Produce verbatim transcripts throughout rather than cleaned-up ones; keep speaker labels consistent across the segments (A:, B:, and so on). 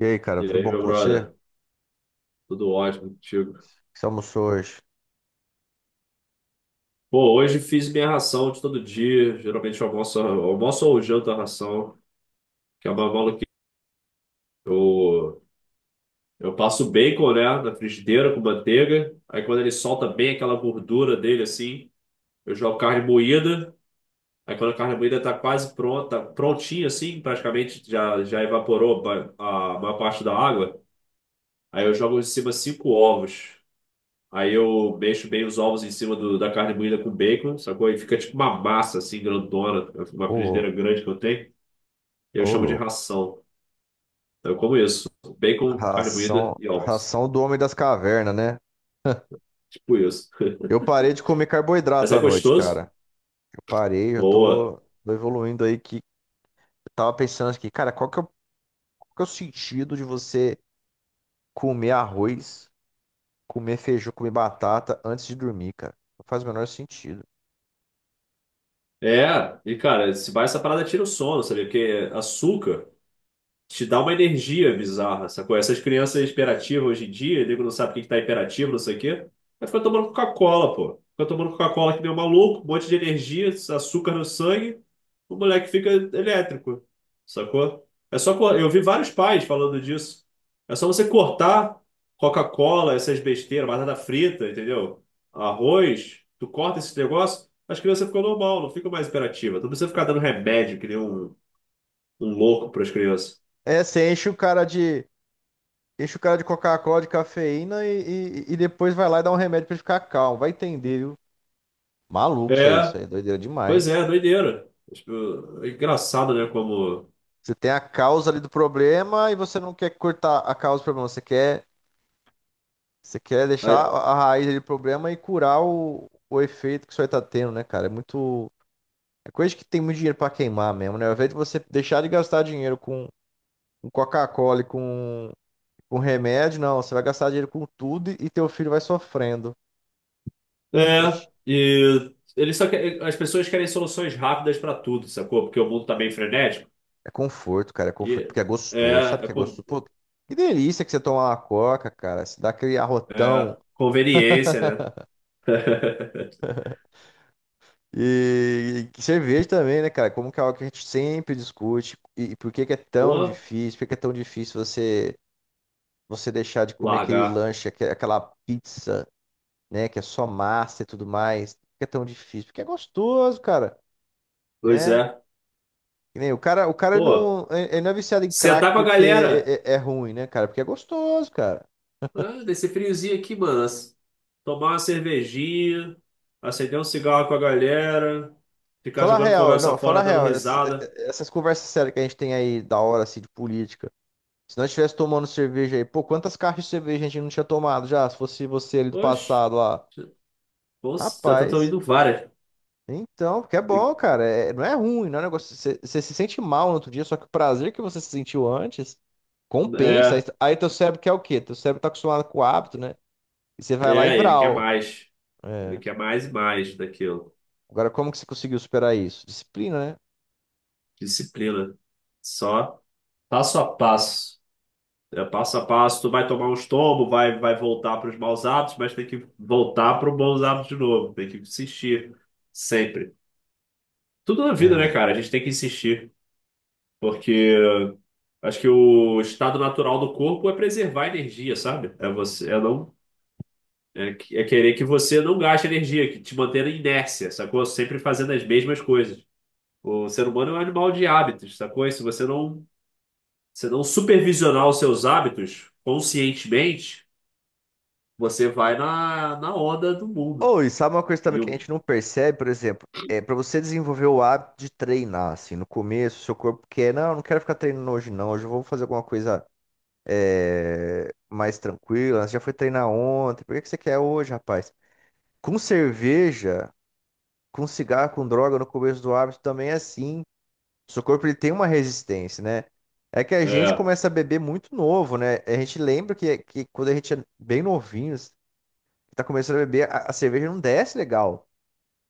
A: E aí, cara,
B: E
A: tudo
B: aí,
A: bom
B: meu
A: com você? O
B: brother? Tudo ótimo contigo.
A: que você almoçou hoje?
B: Pô, hoje fiz minha ração de todo dia. Geralmente eu almoço, almoço ou janto a ração, que é uma maluquice. Eu, eu passo bacon, né, na frigideira com manteiga. Aí quando ele solta bem aquela gordura dele, assim, eu jogo carne moída. Aí quando a carne moída tá quase pronta, tá prontinha, assim, praticamente já, já evaporou a, a maior parte da água. Aí eu jogo em cima cinco ovos. Aí eu mexo bem os ovos em cima do, da carne moída com bacon, sacou? Aí fica tipo uma massa assim, grandona, uma
A: Ô,
B: frigideira grande que eu tenho. Eu
A: ô,
B: chamo de
A: louco.
B: ração. Então eu como isso. Bacon, carne
A: Ração,
B: moída e ovos.
A: ração do homem das cavernas, né?
B: Tipo isso.
A: Eu parei de comer
B: Mas
A: carboidrato
B: é
A: à noite,
B: gostoso?
A: cara. Eu parei, eu
B: Boa.
A: tô, tô evoluindo aí que eu tava pensando aqui, cara, qual que é, o, qual que é o sentido de você comer arroz, comer feijão, comer batata antes de dormir, cara? Não faz o menor sentido.
B: É, e cara, se vai essa parada tira o sono, sabe? Porque açúcar. Te dá uma energia bizarra, sacou? Essas crianças hiperativas hoje em dia, nego não sabe o que que tá hiperativo, não sei o quê. Mas fica tomando Coca-Cola, pô. Fica tomando Coca-Cola que nem um maluco, um monte de energia, açúcar no sangue, o moleque fica elétrico, sacou? É só, co- eu vi vários pais falando disso. É só você cortar Coca-Cola, essas besteiras, batata frita, entendeu? Arroz, tu corta esse negócio, as crianças ficam normal, não ficam mais hiperativas. Tu não precisa ficar dando remédio que nem um, um louco para as crianças.
A: É, você enche o cara de, enche o cara de Coca-Cola, de cafeína e, e, e depois vai lá e dá um remédio pra ele ficar calmo. Vai entender, viu? Maluco isso aí, isso
B: É,
A: aí é doideira
B: pois
A: demais.
B: é, doideira. Tipo, é engraçado, né? Como.
A: Você tem a causa ali do problema e você não quer cortar a causa do problema, você quer, você quer deixar
B: É,
A: a a raiz ali do problema e curar o, o efeito que isso aí tá tendo, né, cara? É muito. É coisa que tem muito dinheiro pra queimar mesmo, né? Ao invés de você deixar de gastar dinheiro com, com Coca-Cola e com, com remédio, não, você vai gastar dinheiro com tudo e, e teu filho vai sofrendo. Oxi,
B: é, e eles só que- as pessoas querem soluções rápidas para tudo, sacou? Porque o mundo tá bem frenético.
A: é conforto, cara, é conforto
B: E
A: porque é
B: é,
A: gostoso, sabe o
B: é,
A: que é
B: con-
A: gostoso? Pô, que delícia que você tomar uma Coca, cara, se dá aquele
B: é
A: arrotão.
B: conveniência, né?
A: E, e cerveja também, né, cara? Como que é algo que a gente sempre discute e, e por que que é tão
B: Pô,
A: difícil? Por que que é tão difícil você você deixar de comer aquele
B: largar.
A: lanche, aque- aquela pizza, né, que é só massa e tudo mais? Por que é tão difícil? Porque é gostoso, cara,
B: Pois
A: né?
B: é.
A: Que nem o cara, o cara
B: Pô,
A: não, ele não é viciado em crack
B: sentar com a galera.
A: porque é, é- é ruim, né, cara? Porque é gostoso, cara.
B: Ah, nesse friozinho aqui, mano. as- Tomar uma cervejinha, acender um cigarro com a galera, ficar
A: Fala a
B: jogando
A: real,
B: conversa
A: não, fala a
B: fora, dando
A: real. Essas,
B: risada.
A: essas conversas sérias que a gente tem aí da hora, assim, de política. Se nós estivesse tomando cerveja aí, pô, quantas caixas de cerveja a gente não tinha tomado já? Se fosse você ali do
B: Poxa.
A: passado lá.
B: Nossa, já tá
A: Rapaz,
B: indo várias.
A: então, porque é bom, cara. É- não é ruim, não é um negócio. Você você se sente mal no outro dia, só que o prazer que você se sentiu antes compensa. Aí,
B: É,
A: aí teu cérebro quer o quê? Teu cérebro tá acostumado com o hábito, né? E você vai lá e
B: é, ele quer
A: vral.
B: mais. Ele
A: É.
B: quer mais e mais daquilo.
A: Agora, como que você conseguiu superar isso? Disciplina, né?
B: Disciplina. Só passo a passo. É passo a passo, tu vai tomar uns tombos, vai, vai voltar para os maus hábitos, mas tem que voltar para os bons hábitos de novo. Tem que insistir. Sempre. Tudo na vida, né,
A: É.
B: cara? A gente tem que insistir. Porque acho que o estado natural do corpo é preservar a energia, sabe? É você, é não É, que- é querer que você não gaste energia, que te mantenha na inércia, sacou? Sempre fazendo as mesmas coisas. O ser humano é um animal de hábitos, sacou? E se você não, se não supervisionar os seus hábitos conscientemente, você vai na, na onda do mundo.
A: Ou, e sabe uma coisa também que a
B: Viu?
A: gente não percebe, por exemplo, é para você desenvolver o hábito de treinar, assim, no começo, seu corpo quer, não, não quero ficar treinando hoje não, hoje eu vou fazer alguma coisa mais tranquila, você já foi treinar ontem, por que que você quer hoje, rapaz? Com cerveja, com cigarro, com droga, no começo do hábito também é assim, seu corpo ele tem uma resistência, né? É que a gente
B: É,
A: começa a beber muito novo, né? A gente lembra que, que quando a gente é bem novinho, tá começando a beber, a, a cerveja não desce legal.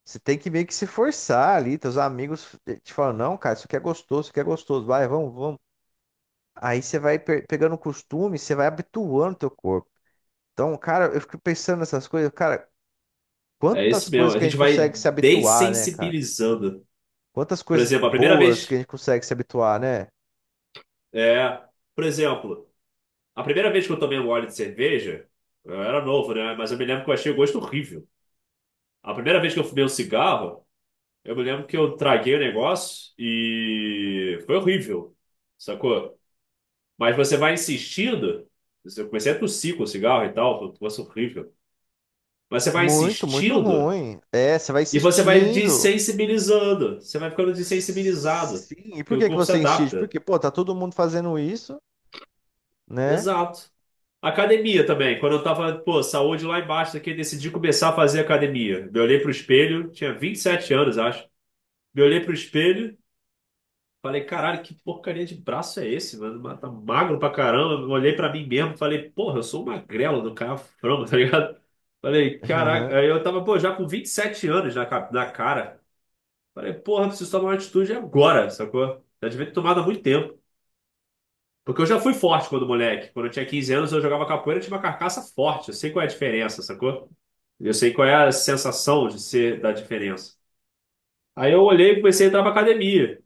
A: Você tem que meio que se forçar ali. Teus amigos eh, te falam, não, cara, isso aqui é gostoso, isso aqui é gostoso. Vai, vamos, vamos. Aí você vai pe- pegando costume, você vai habituando teu corpo. Então, cara, eu fico pensando nessas coisas, cara,
B: é
A: quantas
B: isso mesmo.
A: coisas
B: A
A: que a gente
B: gente vai
A: consegue se habituar, né, cara?
B: dessensibilizando.
A: Quantas
B: Por
A: coisas
B: exemplo, a primeira
A: boas que a
B: vez.
A: gente consegue se habituar, né?
B: É, por exemplo, a primeira vez que eu tomei um gole de cerveja, eu era novo, né? Mas eu me lembro que eu achei o gosto horrível. A primeira vez que eu fumei um cigarro, eu me lembro que eu traguei o negócio e foi horrível, sacou? Mas você vai insistindo. Eu comecei a tossir com o cigarro e tal, foi um negócio horrível. Mas você vai
A: Muito, muito
B: insistindo
A: ruim. É, você vai
B: e você vai
A: insistindo.
B: desensibilizando. Você vai ficando desensibilizado,
A: Sim, e por
B: porque o
A: que que
B: corpo se
A: você insiste?
B: adapta.
A: Porque, pô, tá todo mundo fazendo isso, né?
B: Exato. Academia também. Quando eu tava, pô, saúde lá embaixo daqui, eu decidi começar a fazer academia. Me olhei pro espelho, tinha vinte e sete anos, acho. Me olhei pro espelho, falei, caralho, que porcaria de braço é esse, mano? Mas tá magro pra caramba. Eu olhei pra mim mesmo, falei, porra, eu sou um magrelo do cara frango, tá ligado? Falei, caraca, aí eu tava, pô, já com vinte e sete anos na, ca- na cara. Falei, porra, preciso tomar uma atitude agora, sacou? Já devia ter tomado há muito tempo. Porque eu já fui forte quando moleque. Quando eu tinha quinze anos, eu jogava capoeira, eu tinha uma carcaça forte. Eu sei qual é a diferença, sacou? Eu sei qual é a sensação de ser da diferença. Aí eu olhei e comecei a entrar pra academia.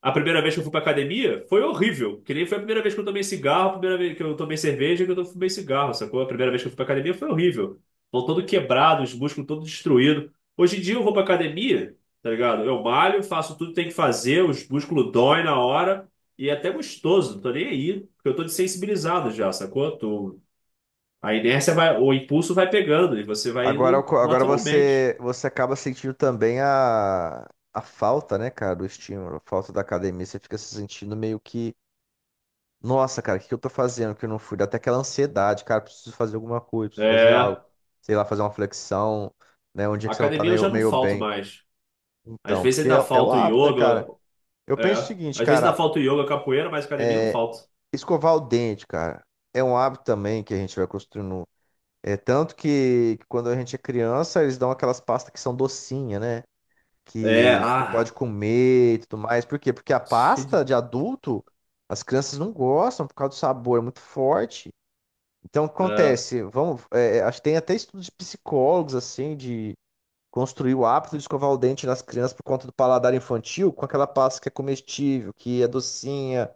B: A primeira vez que eu fui pra academia foi horrível. Que nem foi a primeira vez que eu tomei cigarro, a primeira vez que eu tomei cerveja, que eu fumei cigarro, sacou? A primeira vez que eu fui pra academia foi horrível. Tô todo quebrado, os músculos todo destruído. Hoje em dia eu vou pra academia, tá ligado? Eu malho, faço tudo que tem que fazer, os músculos doem na hora e é até gostoso, não tô nem aí, porque eu tô desensibilizado já, sacou? Tô... A inércia vai, o impulso vai pegando e você vai
A: Agora, o
B: indo
A: co- agora
B: naturalmente.
A: você, você acaba sentindo também a, a falta, né, cara, do estímulo, a falta da academia. Você fica se sentindo meio que, nossa, cara, o que que eu tô fazendo que eu não fui? Dá até aquela ansiedade, cara, preciso fazer alguma coisa, preciso fazer
B: É,
A: algo. Sei lá, fazer uma flexão, né, um dia que você não tá
B: academia eu
A: meio,
B: já não
A: meio
B: falto
A: bem.
B: mais. Às
A: Então,
B: vezes
A: porque é,
B: ainda
A: é o
B: falta o
A: hábito, né,
B: yoga.
A: cara? Eu penso o
B: É.
A: seguinte,
B: Às vezes dá
A: cara,
B: falta o yoga, capoeira, mas academia não falta.
A: escovar o dente, cara, é um hábito também que a gente vai construindo. É tanto que, que quando a gente é criança, eles dão aquelas pastas que são docinha, né?
B: É,
A: que que pode
B: ah,
A: comer e tudo mais. Por quê? Porque a
B: cheio de-
A: pasta de adulto, as crianças não gostam por causa do sabor, é muito forte. Então, o que
B: é,
A: acontece? Vamos, é, é, acho que tem até estudos de psicólogos, assim, de construir o hábito de escovar o dente nas crianças por conta do paladar infantil, com aquela pasta que é comestível, que é docinha,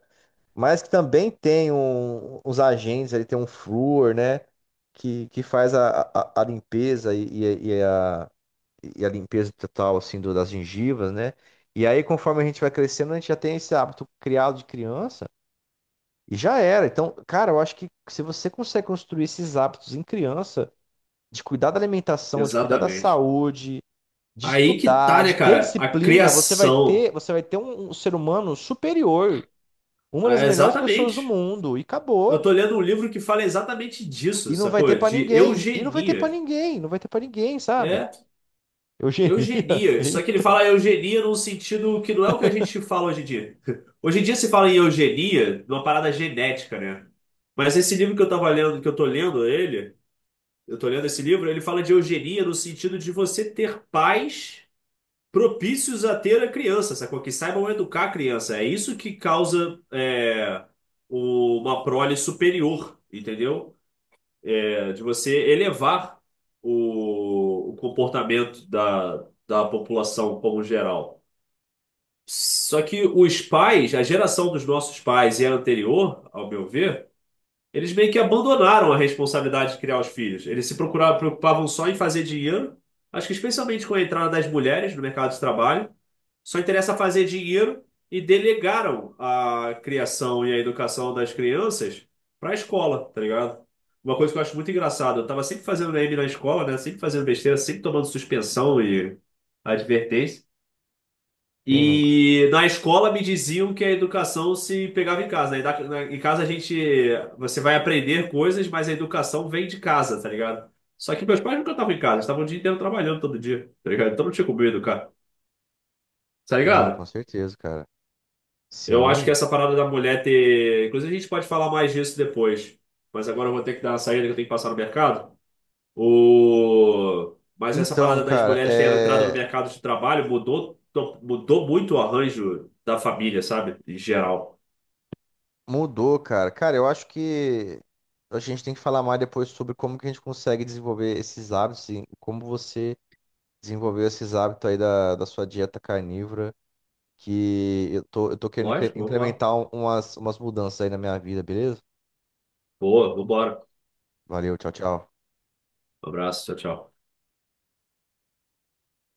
A: mas que também tem um, uns agentes, ali tem um flúor, né? Que, que faz a, a, a limpeza e, e, e a e a limpeza total assim do- das gengivas, né? E aí, conforme a gente vai crescendo, a gente já tem esse hábito criado de criança e já era. Então, cara, eu acho que se você consegue construir esses hábitos em criança, de cuidar da alimentação, de cuidar da
B: exatamente.
A: saúde, de
B: Aí que tá,
A: estudar,
B: né,
A: de ter
B: cara? A
A: disciplina, você vai
B: criação.
A: ter, você vai ter um, um ser humano superior, uma das
B: Ah,
A: melhores pessoas do
B: exatamente.
A: mundo e
B: Eu
A: acabou.
B: tô lendo um livro que fala exatamente disso,
A: E não vai ter
B: sacou?
A: pra
B: De
A: ninguém, e não vai ter pra
B: eugenia.
A: ninguém, não vai ter pra ninguém, sabe?
B: É,
A: Eugenia,
B: eugenia. Só que ele
A: eita,
B: fala eugenia num sentido que não é o que a gente fala hoje em dia. Hoje em dia se fala em eugenia numa parada genética, né? Mas esse livro que eu tava lendo, que eu tô lendo ele. Eu estou lendo esse livro, ele fala de eugenia no sentido de você ter pais propícios a ter a criança, sacou? Que saibam educar a criança. É isso que causa é, o- uma prole superior, entendeu? É, de você elevar o, o comportamento da, da população como geral. Só que os pais, a geração dos nossos pais e a anterior, ao meu ver, eles meio que abandonaram a responsabilidade de criar os filhos. Eles se procuravam, preocupavam só em fazer dinheiro. Acho que especialmente com a entrada das mulheres no mercado de trabalho, só interessa fazer dinheiro e delegaram a criação e a educação das crianças para a escola, tá ligado? Uma coisa que eu acho muito engraçada, eu tava sempre fazendo meme na escola, né? Sempre fazendo besteira, sempre tomando suspensão e advertência.
A: quem nunca?
B: E na escola me diziam que a educação se pegava em casa, né? E na- na- Em casa a gente, você vai aprender coisas, mas a educação vem de casa, tá ligado? Só que meus pais nunca estavam em casa, eles estavam o dia inteiro trabalhando todo dia, tá ligado? Então não tinha como eu educar, tá
A: Não,
B: ligado?
A: com certeza, cara.
B: Eu acho que
A: Sim.
B: essa parada da mulher ter. Inclusive a gente pode falar mais disso depois, mas agora eu vou ter que dar uma saída que eu tenho que passar no mercado. O... Mas essa
A: Então,
B: parada das
A: cara,
B: mulheres terem entrado no
A: é...
B: mercado de trabalho mudou, mudou, muito o arranjo da família, sabe? Em geral.
A: mudou, cara. Cara, eu acho que a gente tem que falar mais depois sobre como que a gente consegue desenvolver esses hábitos e como você desenvolveu esses hábitos aí da, da sua dieta carnívora, que eu tô, eu tô querendo incre-
B: Lógico, vambora.
A: implementar um- umas, umas mudanças aí na minha vida, beleza?
B: Boa, vambora.
A: Valeu, tchau, tchau.
B: Um abraço, tchau, tchau.